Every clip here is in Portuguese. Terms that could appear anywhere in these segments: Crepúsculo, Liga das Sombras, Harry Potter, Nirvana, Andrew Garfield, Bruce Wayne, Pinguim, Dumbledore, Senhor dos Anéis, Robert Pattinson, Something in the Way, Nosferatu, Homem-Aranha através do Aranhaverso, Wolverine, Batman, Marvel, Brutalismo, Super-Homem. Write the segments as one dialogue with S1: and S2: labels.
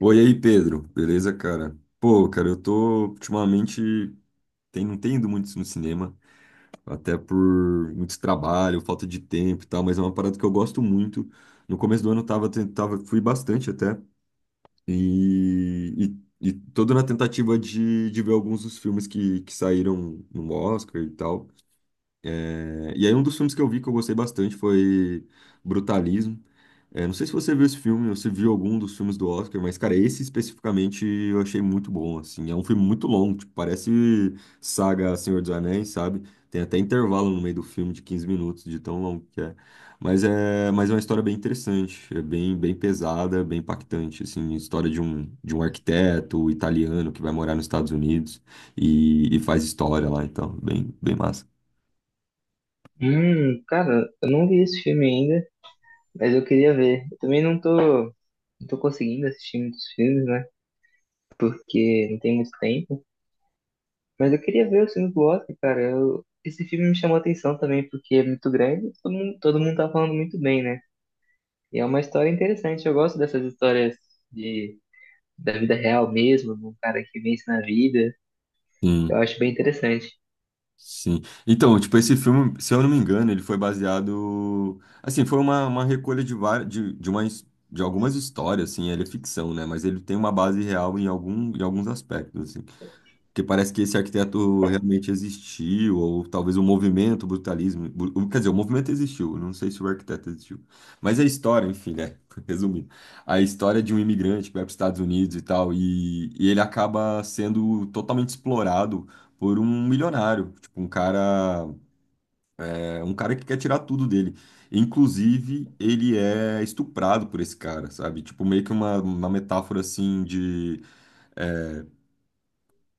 S1: Oi aí, Pedro. Beleza, cara? Pô, cara, eu tô ultimamente não tenho ido muito no cinema, até por muito trabalho, falta de tempo e tal, mas é uma parada que eu gosto muito. No começo do ano eu tava, tava fui bastante até, e, e todo na tentativa de ver alguns dos filmes que saíram no Oscar e tal. E aí um dos filmes que eu vi que eu gostei bastante foi Brutalismo. É, não sei se você viu esse filme ou se viu algum dos filmes do Oscar, mas, cara, esse especificamente eu achei muito bom, assim. É um filme muito longo, tipo, parece saga Senhor dos Anéis, sabe? Tem até intervalo no meio do filme de 15 minutos, de tão longo que é. Mas é uma história bem interessante, é bem, bem pesada, bem impactante, assim. História de um arquiteto italiano que vai morar nos Estados Unidos e faz história lá, então, bem, bem massa.
S2: Cara, eu não vi esse filme ainda, mas eu queria ver. Eu também não tô conseguindo assistir muitos filmes, né? Porque não tem muito tempo. Mas eu queria ver os filmes do Oscar, cara. Esse filme me chamou a atenção também, porque é muito grande e todo mundo tá falando muito bem, né? E é uma história interessante. Eu gosto dessas histórias de, da vida real mesmo, de um cara que vence na vida. Eu acho bem interessante.
S1: Sim. Então, tipo, esse filme, se eu não me engano, ele foi baseado. Assim, foi uma recolha várias, uma, de algumas histórias, assim, ele é ficção, né? Mas ele tem uma base real em alguns aspectos, porque parece que esse arquiteto realmente existiu, ou talvez o movimento, o brutalismo. Quer dizer, o movimento existiu, não sei se o arquiteto existiu. Mas a história, enfim, né? Resumindo, a história de um imigrante que vai para os Estados Unidos e tal, e ele acaba sendo totalmente explorado por um milionário, tipo, um cara, é, um cara que quer tirar tudo dele. Inclusive, ele é estuprado por esse cara, sabe? Tipo, meio que uma metáfora assim de. é,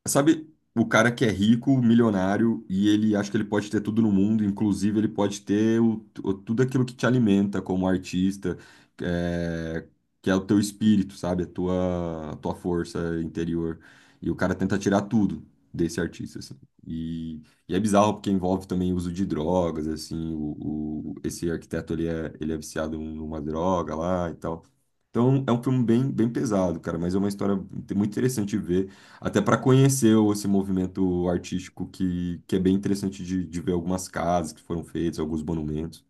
S1: Sabe, o cara que é rico, milionário, e ele acha que ele pode ter tudo no mundo, inclusive ele pode ter tudo aquilo que te alimenta como artista, é, que é o teu espírito, sabe? A tua força interior. E o cara tenta tirar tudo desse artista, assim. E, e é bizarro porque envolve também o uso de drogas, assim, esse arquiteto, ele é viciado numa droga lá e tal. Então, é um filme bem, bem pesado, cara, mas é uma história muito interessante de ver. Até para conhecer esse movimento artístico que é bem interessante de ver algumas casas que foram feitas, alguns monumentos.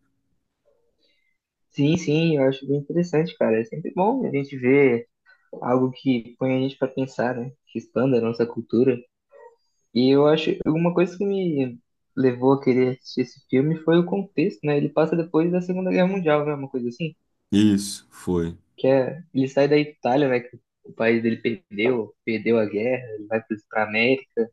S2: Sim, sim, eu acho bem interessante, cara. É sempre bom a gente ver algo que põe a gente para pensar, né? Que expanda a nossa cultura. E eu acho uma coisa que me levou a querer assistir esse filme foi o contexto, né? Ele passa depois da Segunda Guerra Mundial, né? Uma coisa assim,
S1: Isso, foi.
S2: que é ele sai da Itália, né? Que o país dele perdeu a guerra, ele vai para a América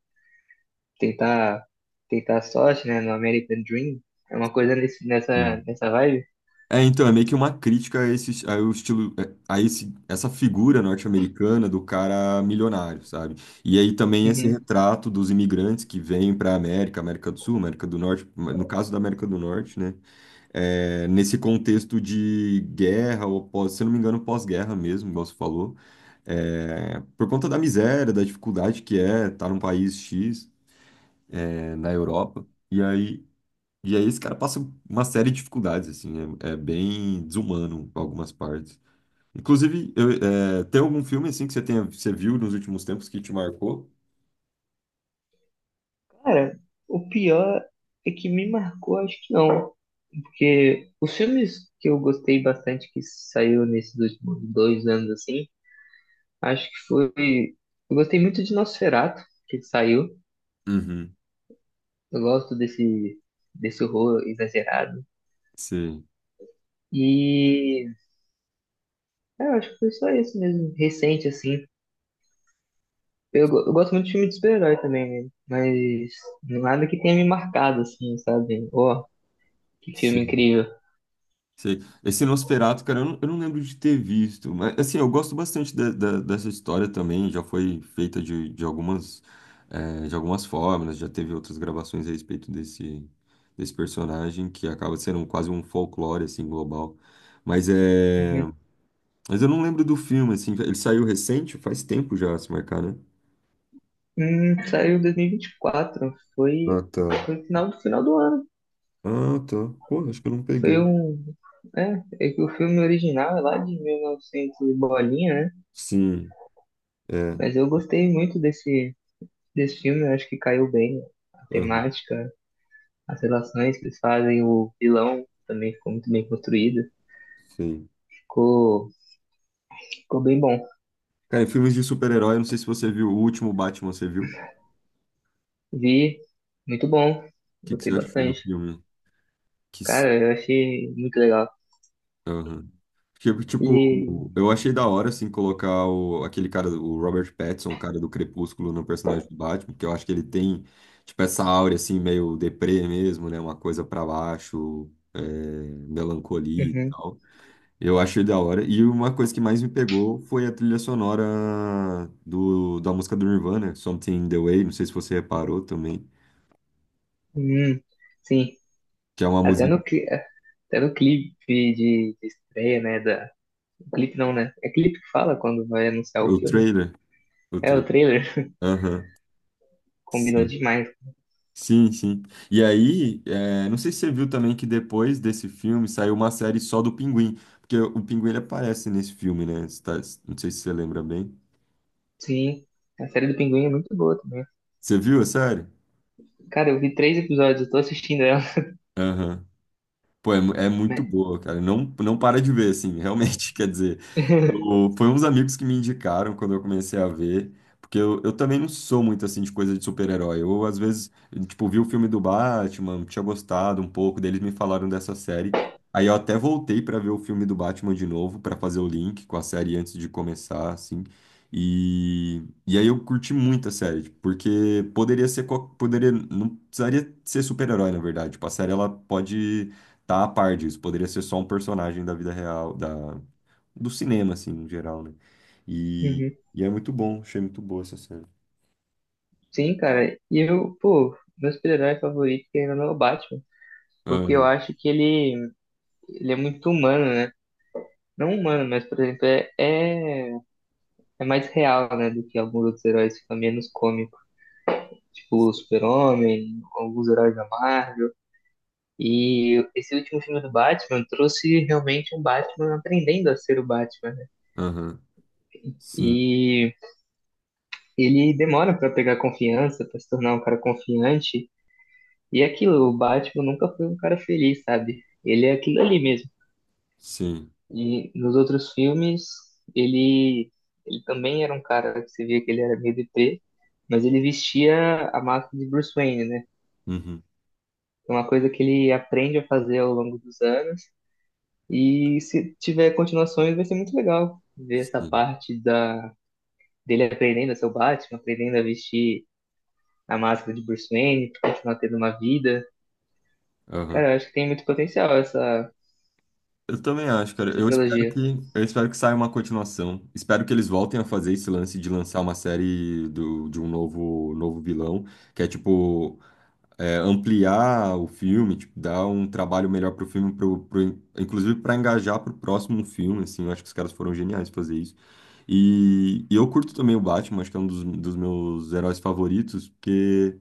S2: tentar tentar a sorte, né? No American Dream, é uma coisa nesse, nessa
S1: Sim.
S2: nessa vibe.
S1: É, então, é meio que uma crítica a esse, a o estilo, a esse, essa figura norte-americana do cara milionário, sabe? E aí também esse
S2: Uhum.
S1: retrato dos imigrantes que vêm para a América, América do Sul, América do Norte, no caso da América do Norte, né? É, nesse contexto de guerra, ou pós, se eu não me engano, pós-guerra mesmo, igual você falou, é, por conta da miséria, da dificuldade que é estar num país X, é, na Europa, e aí esse cara passa uma série de dificuldades, assim, é bem desumano em algumas partes. Inclusive, é, tem algum filme, assim, que você tenha, você viu nos últimos tempos que te marcou?
S2: Cara, o pior é que me marcou, acho que não. Porque os filmes que eu gostei bastante que saiu nesses últimos 2 anos, assim, acho que foi. Eu gostei muito de Nosferatu, que saiu.
S1: Uhum,
S2: Eu gosto desse horror exagerado.
S1: sim.
S2: E eu acho que foi só esse mesmo, recente, assim. Eu gosto muito de filme de super-herói também, né? Mas nada que tenha me marcado, assim, sabe? Ó, que filme incrível.
S1: Sei. Esse Nosferatu, cara, eu não lembro de ter visto, mas assim, eu gosto bastante dessa história também, já foi feita de algumas, de algumas formas, já teve outras gravações a respeito desse, desse personagem, que acaba sendo um, quase um folclore, assim, global. Mas é... Mas eu não lembro do filme, assim, ele saiu recente, faz tempo já, se marcar, né?
S2: Saiu em 2024.
S1: Ah,
S2: Foi,
S1: tá.
S2: foi no final do ano.
S1: Ah, tá. Pô, acho que eu não
S2: Foi
S1: peguei.
S2: um. É que o filme original é lá de 1900 e novecentos e bolinha, né?
S1: Sim, é.
S2: Mas eu gostei muito desse filme. Eu acho que caiu bem a
S1: Aham,
S2: temática, as relações que eles fazem. O vilão também ficou muito bem construído.
S1: sim.
S2: Ficou, ficou bem bom.
S1: Cara, em filmes de super-herói, eu não sei se você viu o último Batman, você viu?
S2: Vi, muito bom.
S1: Que você
S2: Gostei
S1: achou do
S2: bastante.
S1: filme? Que... s-
S2: Cara, eu achei muito legal.
S1: aham. Porque, tipo,
S2: Ele.
S1: eu achei da hora, assim, colocar o, aquele cara, o Robert Pattinson, o cara do Crepúsculo, no personagem do Batman, porque eu acho que ele tem, tipo, essa áurea, assim, meio deprê mesmo, né? Uma coisa pra baixo, é, melancolia e
S2: Uhum.
S1: tal. Eu achei da hora. E uma coisa que mais me pegou foi a trilha sonora da música do Nirvana, Something in the Way, não sei se você reparou também,
S2: Hum, sim.
S1: que é uma
S2: Até
S1: música...
S2: no, cli- é, até no clipe de estreia, né? Clipe não, né? É clipe que fala quando vai anunciar o
S1: O
S2: filme.
S1: trailer... O
S2: É, o
S1: trailer...
S2: trailer
S1: Aham.
S2: combinou
S1: Sim.
S2: demais.
S1: Sim, sim. E aí, é, não sei se você viu também que depois desse filme saiu uma série só do Pinguim, porque o Pinguim ele aparece nesse filme, né? Não sei se você lembra bem.
S2: Sim, a série do Pinguim é muito boa também.
S1: Você viu a série?
S2: Cara, eu vi três episódios, eu tô assistindo ela.
S1: Aham. Pô, é, é muito
S2: Né?
S1: boa, cara. Não para de ver, assim, realmente, quer dizer. Foi uns amigos que me indicaram quando eu comecei a ver, porque eu também não sou muito assim de coisa de super-herói. Eu, às vezes, tipo, vi o filme do Batman, tinha gostado um pouco, deles me falaram dessa série. Aí eu até voltei pra ver o filme do Batman de novo, pra fazer o link com a série antes de começar, assim. E aí eu curti muito a série, tipo, porque poderia ser, poderia, não precisaria ser super-herói, na verdade. Tipo, a série ela pode tá a par disso. Poderia ser só um personagem da vida real, do cinema, assim, no geral, né?
S2: Uhum.
S1: E é muito bom, achei muito boa essa série.
S2: Sim, cara. E eu, pô, meu super-herói favorito ainda não é o Batman. Porque eu
S1: Aham,
S2: acho que ele é muito humano, né? Não humano, mas, por exemplo, é mais real, né? Do que alguns outros heróis, fica menos cômico. Tipo o Super-Homem, alguns heróis da Marvel. E esse último filme do Batman trouxe realmente um Batman aprendendo a ser o Batman, né?
S1: aham, sim,
S2: E ele demora para pegar confiança, para se tornar um cara confiante. E é aquilo, o Batman nunca foi um cara feliz, sabe? Ele é aquilo ali mesmo.
S1: sim,
S2: E nos outros filmes, ele, ele também era um cara que você via que ele era meio deprê, mas ele vestia a máscara de Bruce Wayne, né?
S1: uhum,
S2: É uma coisa que ele aprende a fazer ao longo dos anos. E se tiver continuações, vai ser muito legal ver essa
S1: sim,
S2: parte da dele aprendendo a ser o Batman, aprendendo a vestir a máscara de Bruce Wayne, pra continuar tendo uma vida.
S1: aham.
S2: Cara, eu acho que tem muito potencial essa,
S1: Eu também acho, cara.
S2: essa trilogia.
S1: Eu espero que saia uma continuação. Espero que eles voltem a fazer esse lance de lançar uma série do, de um novo, novo vilão, que é tipo é, ampliar o filme, tipo, dar um trabalho melhor pro filme, inclusive para engajar pro próximo filme, assim. Eu acho que os caras foram geniais fazer isso. E eu curto também o Batman, acho que é um dos meus heróis favoritos, porque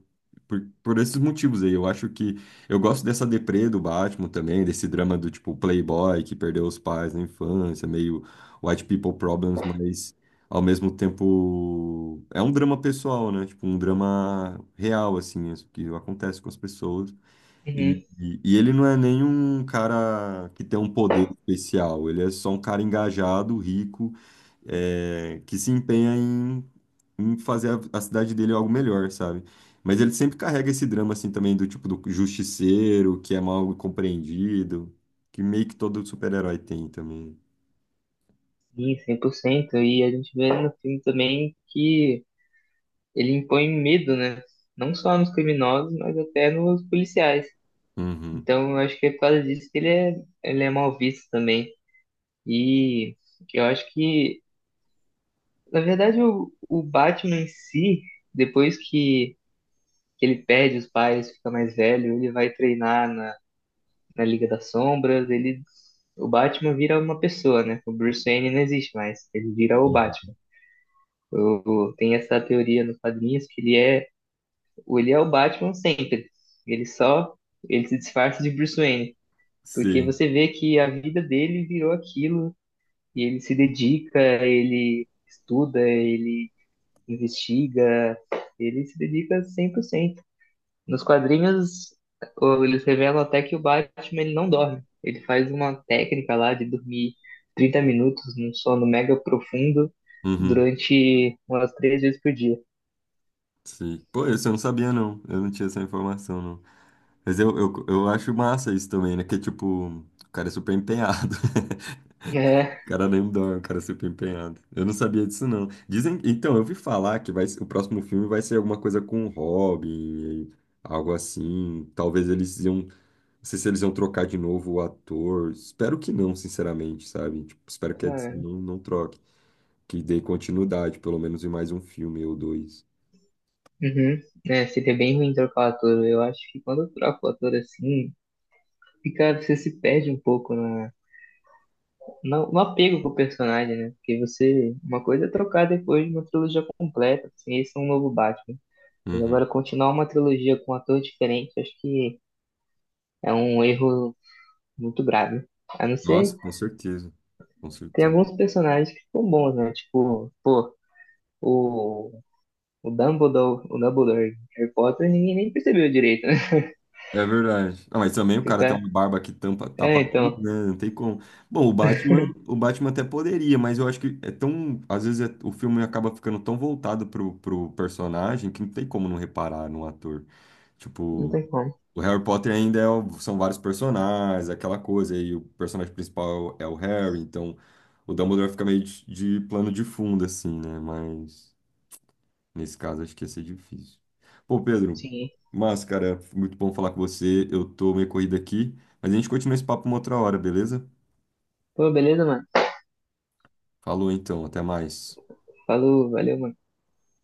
S1: por esses motivos aí. Eu acho que eu gosto dessa deprê do Batman também, desse drama do tipo playboy que perdeu os pais na infância, meio white people problems, mas ao mesmo tempo é um drama pessoal, né? Tipo, um drama real, assim, isso que acontece com as pessoas.
S2: Uhum.
S1: E ele não é nenhum cara que tem um poder especial, ele é só um cara engajado, rico, é, que se empenha em fazer a cidade dele algo melhor, sabe? Mas ele sempre carrega esse drama, assim, também do tipo do justiceiro, que é mal compreendido, que meio que todo super-herói tem também.
S2: Sim, 100%. E a gente vê no filme também que ele impõe medo, né? Não só nos criminosos, mas até nos policiais.
S1: Uhum,
S2: Então, eu acho que é por causa disso que ele é mal visto também. E eu acho que, na verdade, o Batman em si, depois que ele perde os pais, fica mais velho, ele vai treinar na, na, Liga das Sombras, o Batman vira uma pessoa, né? O Bruce Wayne não existe mais, ele vira o Batman.
S1: uhum.
S2: O- Tem essa teoria nos quadrinhos que ele é o Batman sempre. Ele só, Ele se disfarça de Bruce Wayne, porque
S1: Sim,
S2: você vê que a vida dele virou aquilo, e ele se dedica, ele estuda, ele investiga, ele se dedica 100%. Nos quadrinhos, eles revelam até que o Batman ele não dorme. Ele faz uma técnica lá de dormir 30 minutos num sono mega profundo
S1: uhum,
S2: durante umas 3 vezes por dia.
S1: sim. Pô, isso eu não sabia, não. Eu não tinha essa informação, não. Mas eu acho massa isso também, né? Que, tipo, o cara é super empenhado.
S2: É,
S1: O cara nem dorme, o cara é super empenhado. Eu não sabia disso, não. Dizem... Então, eu vi falar que vai... o próximo filme vai ser alguma coisa com o Robin, algo assim. Talvez eles iam... Não sei se eles iam trocar de novo o ator. Espero que não, sinceramente, sabe? Tipo, espero que a Disney
S2: cara.
S1: não troque. Que dê continuidade, pelo menos em mais um filme ou dois.
S2: Uhum. É, seria bem ruim trocar o ator. Eu acho que quando eu troco o ator assim, você se perde um pouco no apego com o personagem, né? Porque uma coisa é trocar depois de uma trilogia completa, assim, esse é um novo Batman. Mas agora
S1: Uhum.
S2: continuar uma trilogia com um ator diferente, acho que é um erro muito grave. A não ser
S1: Nossa, com certeza. Com
S2: Tem
S1: certeza.
S2: alguns personagens que ficam bons, né? Tipo, pô, o, o Dumbledore, o Dumbledore de Harry Potter, ninguém nem percebeu direito, né?
S1: É verdade. Ah, mas também o
S2: Que o
S1: cara tem
S2: cara-
S1: uma barba que tampa,
S2: É,
S1: tapa
S2: então,
S1: tudo, né? Não tem como. Bom, o Batman até poderia, mas eu acho que é tão. Às vezes o filme acaba ficando tão voltado pro, personagem que não tem como não reparar no ator.
S2: não
S1: Tipo,
S2: tem como.
S1: o Harry Potter ainda é são vários personagens, aquela coisa, e o personagem principal é o Harry, então o Dumbledore fica meio de plano de fundo, assim, né? Mas. Nesse caso, acho que ia ser difícil. Pô, Pedro,
S2: Sim.
S1: mas, cara, foi muito bom falar com você. Eu tô meio corrido aqui, mas a gente continua esse papo uma outra hora, beleza?
S2: Pô, beleza, mano.
S1: Falou então, até mais.
S2: Falou, valeu, mano.